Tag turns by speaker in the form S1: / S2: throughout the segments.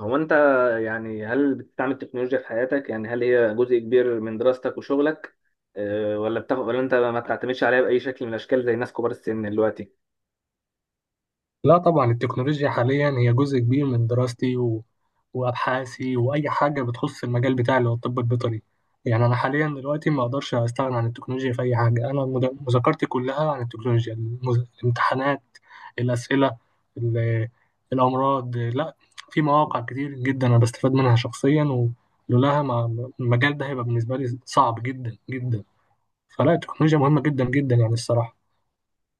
S1: هو انت يعني هل بتستعمل التكنولوجيا في حياتك؟ يعني هل هي جزء كبير من دراستك وشغلك ولا بتاخد، ولا انت ما بتعتمدش عليها باي شكل من الاشكال زي ناس كبار السن دلوقتي؟
S2: لا طبعا التكنولوجيا حاليا هي جزء كبير من دراستي وابحاثي واي حاجه بتخص المجال بتاعي اللي هو الطب البيطري. يعني انا حاليا دلوقتي ما اقدرش استغنى عن التكنولوجيا في اي حاجه، انا مذاكرتي كلها عن التكنولوجيا الامتحانات، الاسئله، ال... الامراض، لا في مواقع كتير جدا انا بستفاد منها شخصيا، ولولاها ما... المجال ده هيبقى بالنسبه لي صعب جدا جدا. فلا، التكنولوجيا مهمه جدا جدا يعني الصراحه.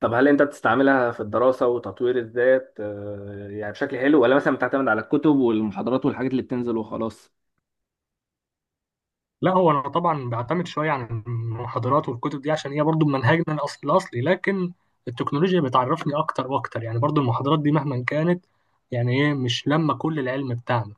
S1: طب هل انت بتستعملها في الدراسه وتطوير الذات، يعني بشكل حلو، ولا مثلا بتعتمد على الكتب والمحاضرات والحاجات اللي بتنزل وخلاص؟
S2: لا هو انا طبعا بعتمد شويه عن المحاضرات والكتب دي عشان هي برضو منهجنا الأصل الاصلي، لكن التكنولوجيا بتعرفني اكتر واكتر. يعني برضو المحاضرات دي مهما كانت، يعني ايه، مش لما كل العلم بتاعنا،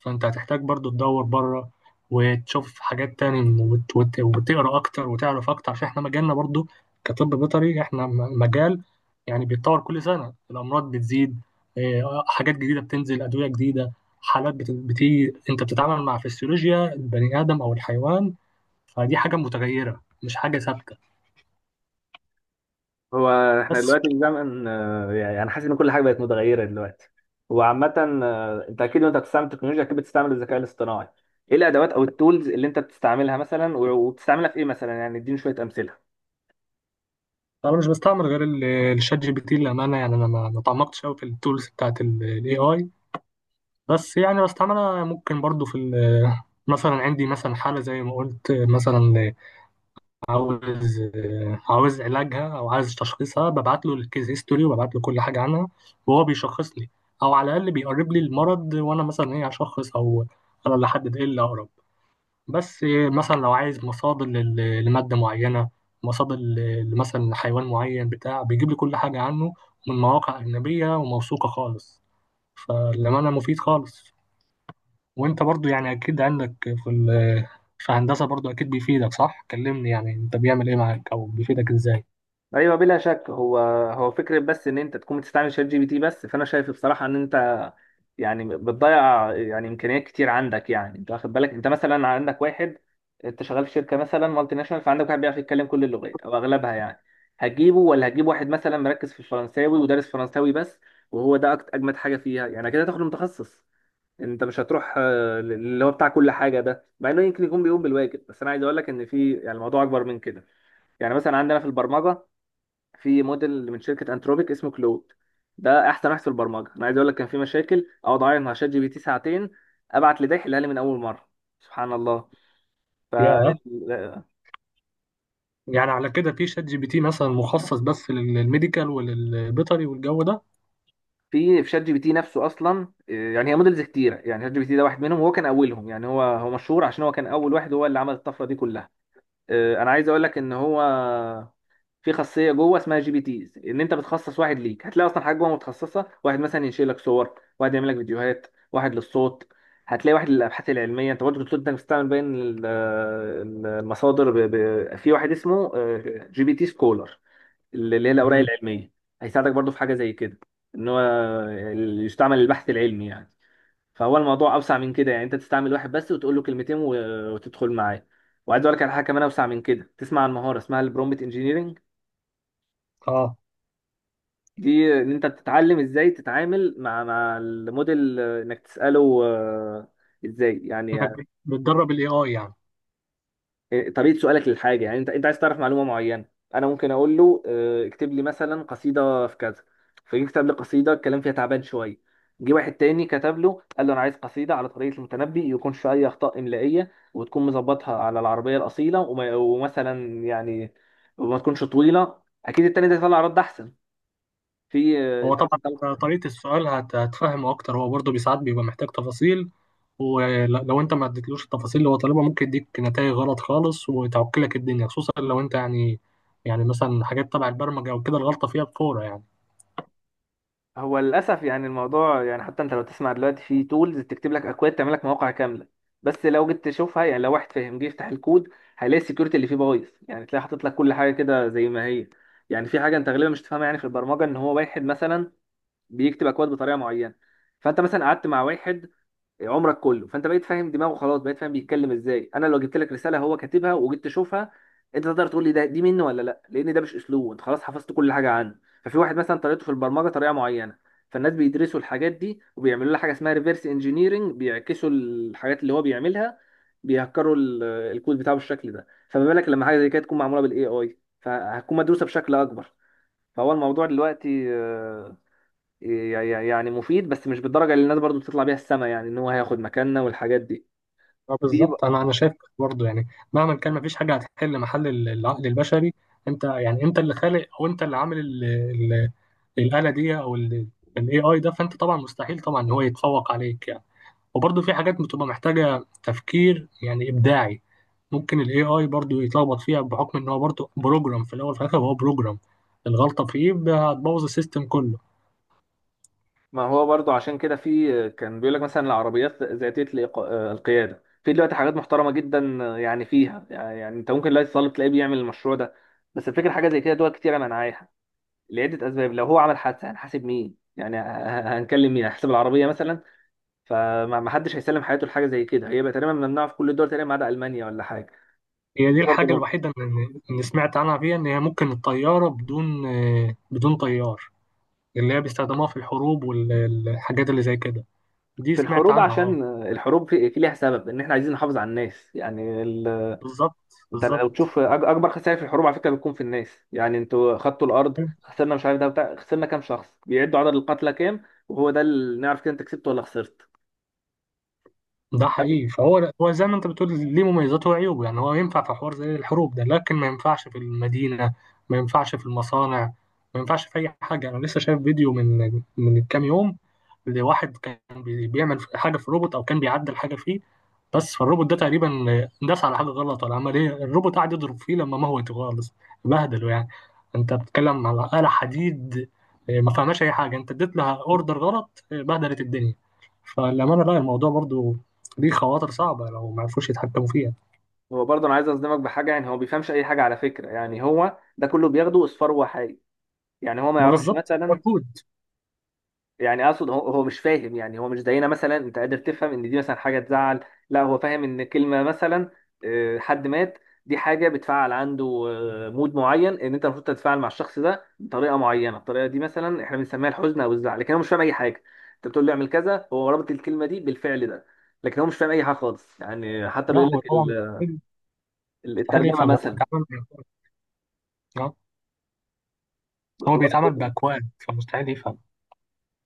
S2: فانت هتحتاج برضو تدور بره وتشوف حاجات تاني، وتقرا اكتر وتعرف اكتر، عشان احنا مجالنا برضو كطب بيطري احنا مجال يعني بيتطور كل سنه، الامراض بتزيد، حاجات جديده بتنزل، ادويه جديده، حالات بتيجي، انت بتتعامل مع فسيولوجيا البني ادم او الحيوان، فدي حاجه متغيره مش حاجه ثابته.
S1: هو احنا
S2: بس
S1: دلوقتي الزمن، يعني انا حاسس ان كل حاجه بقت متغيره دلوقتي وعامه. انت اكيد وانت بتستعمل التكنولوجيا اكيد بتستعمل الذكاء الاصطناعي. ايه الادوات او التولز اللي انت بتستعملها مثلا، وبتستعملها في ايه مثلا؟ يعني اديني شويه امثله.
S2: انا مش بستعمل غير الشات جي بي تي للامانه، يعني انا ما تعمقتش قوي في التولز بتاعت الاي اي. بس انا ممكن برضو في مثلا عندي مثلا حالة زي ما قلت، مثلا عاوز عاوز علاجها او عايز تشخيصها، ببعت له الكيس هيستوري وببعت له كل حاجة عنها وهو بيشخص لي، او على الاقل بيقرب لي المرض وانا مثلا ايه هشخص، او انا اللي احدد ايه اللي اقرب. بس مثلا لو عايز مصادر لمادة معينة، مصادر مثلا لحيوان معين بتاع، بيجيب لي كل حاجة عنه من مواقع أجنبية وموثوقة خالص. فالأمانة مفيد خالص. وانت برضو يعني اكيد عندك في في هندسة برضو اكيد بيفيدك، صح؟ كلمني يعني انت بيعمل ايه معاك او بيفيدك ازاي.
S1: ايوه بلا شك. هو هو فكره بس ان انت تكون بتستعمل شات جي بي تي بس، فانا شايف بصراحه ان انت يعني بتضيع يعني امكانيات كتير عندك. يعني انت واخد بالك؟ انت مثلا عندك واحد، انت شغال في شركه مثلا مالتي ناشونال، فعندك واحد بيعرف يتكلم كل اللغات او اغلبها، يعني هتجيبه ولا هتجيب واحد مثلا مركز في الفرنساوي ودارس فرنساوي بس؟ وهو ده اجمد حاجه فيها يعني كده، تاخد متخصص. انت مش هتروح اللي هو بتاع كل حاجه ده، مع انه يمكن يكون بيقوم بالواجب، بس انا عايز اقول لك ان في يعني الموضوع اكبر من كده. يعني مثلا عندنا في البرمجه، في موديل من شركه انتروبيك اسمه كلود، ده احسن واحد في البرمجه. انا عايز اقول لك، كان في مشاكل اقعد اعيط مع شات جي بي تي ساعتين، ابعت لده يحلها لي من اول مره. سبحان الله. ف
S2: يا يعني على كده في شات جي بي تي مثلا مخصص بس للميديكال وللبيطري والجو ده؟
S1: في شات جي بي تي نفسه اصلا يعني هي موديلز كتيره. يعني شات جي بي تي ده واحد منهم، وهو كان اولهم. يعني هو مشهور عشان هو كان اول واحد، هو اللي عمل الطفره دي كلها. انا عايز اقول لك ان هو في خاصيه جوه اسمها جي بي تيز، ان انت بتخصص واحد ليك. هتلاقي اصلا حاجه جوه متخصصه، واحد مثلا ينشئ لك صور، واحد يعمل لك فيديوهات، واحد للصوت، هتلاقي واحد للابحاث العلميه. انت برضه بتقول انك بتستعمل بين المصادر، في واحد اسمه جي بي تي سكولر، اللي هي الاوراق
S2: امم،
S1: العلميه. هيساعدك برضه في حاجه زي كده، ان هو يستعمل البحث العلمي يعني. فهو الموضوع اوسع من كده. يعني انت تستعمل واحد بس وتقول له كلمتين وتدخل معاه. وعايز اقول لك على حاجه كمان اوسع من كده. تسمع عن مهاره اسمها البرومبت انجينيرنج؟
S2: اه،
S1: دي ان انت بتتعلم ازاي تتعامل مع الموديل، انك تساله. ازاي يعني؟
S2: انك بتدرب الاي اي يعني.
S1: طريقه سؤالك للحاجه. يعني انت عايز تعرف معلومه معينه، انا ممكن اقول له اكتب لي مثلا قصيده في كذا، فجه كتب لي قصيده الكلام فيها تعبان شويه. جه واحد تاني كتب له، قال له انا عايز قصيده على طريقه المتنبي، يكون فيها اي اخطاء املائيه وتكون مظبطها على العربيه الاصيله، ومثلا يعني وما تكونش طويله. اكيد التاني ده يطلع رد احسن. في
S2: هو
S1: انت
S2: طبعا
S1: مثلا.
S2: انت طريقة السؤال هتفهمه اكتر، هو برضو بيساعد، بيبقى محتاج تفاصيل. ولو انت ما اديتلوش التفاصيل اللي هو طالبها ممكن يديك نتائج غلط خالص وتعكلك الدنيا، خصوصا لو انت يعني، يعني مثلا حاجات تبع البرمجة او كده الغلطة فيها بفورة يعني.
S1: هو للاسف يعني الموضوع يعني، حتى انت لو تسمع دلوقتي في تولز تكتب لك اكواد، تعمل لك مواقع كامله، بس لو جيت تشوفها، يعني لو واحد فاهم جه يفتح الكود، هيلاقي السكيورتي اللي فيه بايظ. يعني تلاقي حاطط لك كل حاجه كده زي ما هي. يعني في حاجه انت غالبا مش تفهمها، يعني في البرمجه، ان هو واحد مثلا بيكتب اكواد بطريقه معينه، فانت مثلا قعدت مع واحد عمرك كله، فانت بقيت فاهم دماغه، خلاص بقيت فاهم بيتكلم ازاي. انا لو جبت لك رساله هو كاتبها وجيت تشوفها، انت تقدر تقول لي ده دي منه ولا لا، لان ده مش اسلوبه. انت خلاص حفظت كل حاجه عنه. ففي واحد مثلا طريقته في البرمجه طريقه معينه، فالناس بيدرسوا الحاجات دي وبيعملوا لها حاجه اسمها ريفرس انجينيرنج، بيعكسوا الحاجات اللي هو بيعملها، بيهكروا الكود بتاعه بالشكل ده. فما بالك لما حاجه زي كده تكون معموله بالاي اي، فهتكون مدروسه بشكل اكبر. فهو الموضوع دلوقتي، يعني مفيد، بس مش بالدرجه اللي الناس برضو بتطلع بيها السما يعني، ان هو هياخد مكاننا والحاجات دي.
S2: اه
S1: في
S2: بالظبط، انا شايف برضه يعني مهما كان مفيش حاجه هتحل محل العقل البشري. انت يعني انت اللي خالق او انت اللي عامل الاله دي، او الاي اي ده، فانت طبعا مستحيل طبعا ان هو يتفوق عليك يعني. وبرضه في حاجات بتبقى محتاجه تفكير يعني ابداعي، ممكن الاي اي برضه يتلخبط فيها بحكم ان هو برضه بروجرام، في الاول وفي الاخر هو بروجرام، الغلطه فيه هتبوظ السيستم كله.
S1: ما هو برضو عشان كده في، كان بيقول لك مثلا العربيات ذاتيه القياده. في دلوقتي حاجات محترمه جدا، يعني فيها يعني، يعني انت ممكن دلوقتي تطالب تلاقيه بيعمل المشروع ده، بس الفكره حاجه زي كده دول كتيره منعاها لعده اسباب. لو هو عمل حادثه هنحاسب مين يعني؟ هنكلم مين؟ هنحسب العربيه مثلا؟ فما ما حدش هيسلم حياته لحاجه زي كده، هي بقى تقريبا ممنوعه في كل الدول تقريبا ما عدا المانيا ولا حاجه.
S2: هي دي
S1: دي برضو
S2: الحاجه
S1: نقطه.
S2: الوحيده اللي سمعت عنها فيها، ان هي ممكن الطياره بدون بدون طيار، اللي هي بيستخدموها في الحروب والحاجات اللي زي كده. دي
S1: في
S2: سمعت
S1: الحروب،
S2: عنها، اه
S1: عشان الحروب في ليها سبب، ان احنا عايزين نحافظ على الناس يعني
S2: بالظبط،
S1: انت لو
S2: بالظبط.
S1: تشوف اكبر خسائر في الحروب على فكره بتكون في الناس. يعني انتوا خدتوا الارض، خسرنا مش عارف ده بتاع، خسرنا كام شخص؟ بيعدوا عدد القتلى كام، وهو ده اللي نعرف كده انت كسبت ولا خسرت.
S2: ده حقيقي، فهو هو زي ما انت بتقول ليه مميزاته وعيوبه، يعني هو ينفع في حوار زي الحروب ده، لكن ما ينفعش في المدينة، ما ينفعش في المصانع، ما ينفعش في أي حاجة. أنا لسه شايف فيديو من كام يوم لواحد كان بيعمل حاجة في الروبوت، أو كان بيعدل حاجة فيه، بس فالروبوت ده تقريبا داس على حاجة غلط ولا عمل إيه، الروبوت قعد يضرب فيه لما موته خالص، بهدله يعني. أنت بتتكلم على آلة حديد، اه، ما فهماش أي حاجة، أنت اديت لها أوردر غلط، اه، بهدلت الدنيا. فالأمانة لا، الموضوع برضو دي خواطر صعبة لو ما عرفوش يتحكموا فيها.
S1: هو برضه انا عايز اصدمك بحاجه، يعني هو بيفهمش اي حاجه على فكره. يعني هو ده كله بياخده اصفار وحي. يعني هو ما
S2: ما
S1: يعرفش
S2: بالظبط، هو
S1: مثلا،
S2: الكود.
S1: يعني اقصد هو مش فاهم. يعني هو مش زينا مثلا، انت قادر تفهم ان دي مثلا حاجه تزعل، لا هو فاهم ان كلمه مثلا حد مات، دي حاجه بتفعل عنده مود معين، ان انت المفروض تتفاعل مع الشخص ده بطريقه معينه، الطريقه دي مثلا احنا بنسميها الحزن او الزعل. لكن هو مش فاهم اي حاجه. انت بتقول له اعمل كذا، هو رابط الكلمه دي بالفعل ده، لكن هو مش فاهم اي حاجه خالص. يعني حتى
S2: لا
S1: بيقول
S2: هو
S1: لك
S2: طبعا مستحيل، مستحيل
S1: الترجمه
S2: يفهم، هو بيتعامل. آه. هو بيتعامل
S1: مثلا،
S2: بأكواد فمستحيل يفهم.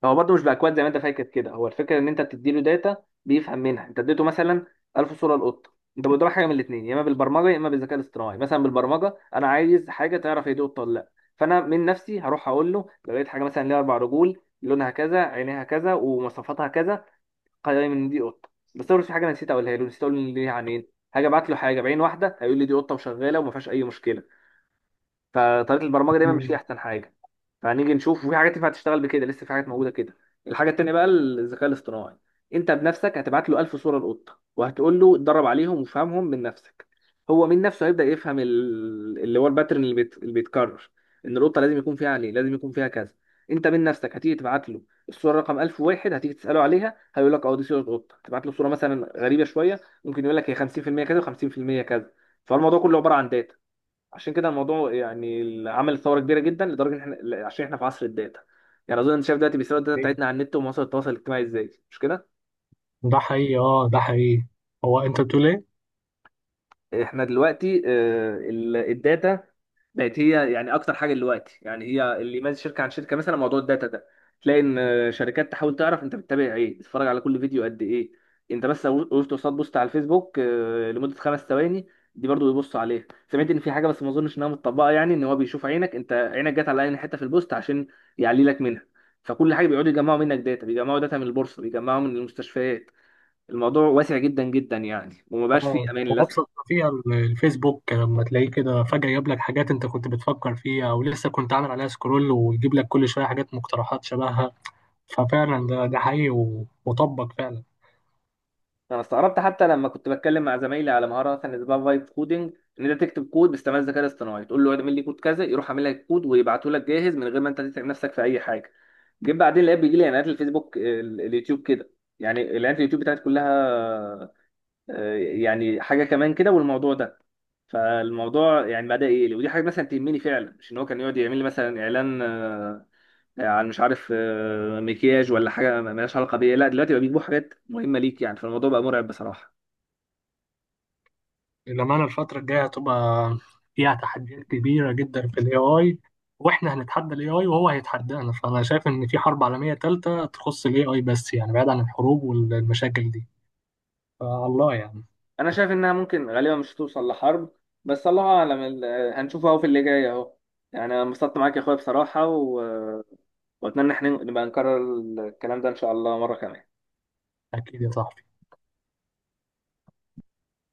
S1: هو برضه مش باكواد زي ما انت فاكر كده. هو الفكره ان انت بتديله داتا، بيفهم منها. انت اديته مثلا 1000 صوره لقطه. انت بتدور حاجه من الاثنين، يا اما بالبرمجه يا اما بالذكاء الاصطناعي. مثلا بالبرمجه، انا عايز حاجه تعرف هي دي قطه ولا لا، فانا من نفسي هروح اقول له لو لقيت حاجه مثلا ليها اربع رجول، لونها كذا، عينيها كذا، ومواصفاتها كذا، قيم ان دي قطه. بس لو في حاجه أنا نسيت اقولها له، نسيت اقول ان ليها عينين، هاجي ابعت له حاجه بعين واحده، هيقول لي دي قطه وشغاله وما فيهاش اي مشكله. فطريقه البرمجه دايما
S2: مم.
S1: مش هي احسن حاجه. فهنيجي نشوف، وفي حاجات ينفع تشتغل بكده لسه، في حاجات موجوده كده. الحاجه التانيه بقى الذكاء الاصطناعي. انت بنفسك هتبعت له 1000 صوره للقطه، وهتقول له اتدرب عليهم وفهمهم من نفسك، هو من نفسه هيبدا يفهم اللي هو الباترن اللي اللي بيتكرر، ان القطه لازم يكون فيها، عليه لازم يكون فيها كذا. انت من نفسك هتيجي تبعت له الصوره رقم 1001، هتيجي تساله عليها هيقول لك اه دي صوره قطه. تبعت له صوره مثلا غريبه شويه، ممكن يقول لك هي 50% كذا و50% كذا. فالموضوع كله عباره عن داتا. عشان كده الموضوع يعني اللي عمل ثوره كبيره جدا، لدرجه ان احنا، عشان احنا في عصر الداتا. يعني اظن انت شايف دلوقتي بيسرقوا الداتا
S2: إيه؟
S1: بتاعتنا على النت ومواقع التواصل الاجتماعي ازاي، مش كده؟
S2: ده حقيقي، اه ده حقيقي. هو انت بتقول ايه؟
S1: احنا دلوقتي الداتا بقت هي يعني اكتر حاجه دلوقتي. يعني هي اللي يميز شركه عن شركه، مثلا موضوع الداتا ده. تلاقي ان شركات تحاول تعرف انت بتتابع ايه، تتفرج على كل فيديو قد ايه. انت بس لو وقفت قصاد بوست على الفيسبوك لمده 5 ثواني، دي برضو بيبصوا عليها. سمعت ان في حاجه، بس ما اظنش انها متطبقه، يعني ان هو بيشوف عينك، انت عينك جت على اي حته في البوست عشان يعلي لك منها. فكل حاجه بيقعدوا يجمعوا منك داتا، بيجمعوا داتا من البورصه، بيجمعوا من المستشفيات. الموضوع واسع جدا جدا يعني، وما بقاش
S2: اه،
S1: فيه امان
S2: هو
S1: للاسف.
S2: ابسط ما فيها الفيسبوك، لما تلاقيه كده فجأة يجيب لك حاجات انت كنت بتفكر فيها او لسه كنت عامل عليها سكرول، ويجيب لك كل شوية حاجات مقترحات شبهها. ففعلا ده ده حقيقي، وطبق فعلا.
S1: انا استغربت حتى لما كنت بتكلم مع زمايلي على مهاره مثلا اسمها فايب كودنج، ان انت تكتب كود باستعمال الذكاء الاصطناعي، تقول له اعمل لي كود كذا، يروح عامل لك كود ويبعته لك جاهز من غير ما انت تتعب نفسك في اي حاجه. جيت بعدين لقيت بيجي لي اعلانات الفيسبوك، اليوتيوب كده. يعني اعلانات اليوتيوب بتاعت كلها يعني حاجه كمان كده والموضوع ده. فالموضوع يعني بدا يقلق، ودي حاجه مثلا تهمني فعلا. مش ان هو كان يقعد يعمل لي مثلا اعلان عن مش عارف مكياج ولا حاجه مالهاش علاقه بيا، لا دلوقتي بقى بيجيبوا حاجات مهمه ليك يعني، فالموضوع بقى مرعب بصراحه.
S2: للأمانة الفترة الجاية هتبقى فيها تحديات كبيرة جدا في ال AI، وإحنا هنتحدى ال AI وهو هيتحدانا. فأنا شايف إن في حرب عالمية تالتة تخص ال AI، بس يعني بعيد عن الحروب والمشاكل دي فالله يعني.
S1: انا شايف انها ممكن غالبا مش هتوصل لحرب، بس الله اعلم. هنشوف اهو في اللي جاي اهو. يعني انا انبسطت معاك يا اخويا بصراحة، واتمنى احنا نبقى نكرر الكلام ده ان شاء الله مرة كمان.
S2: أكيد يا صاحبي.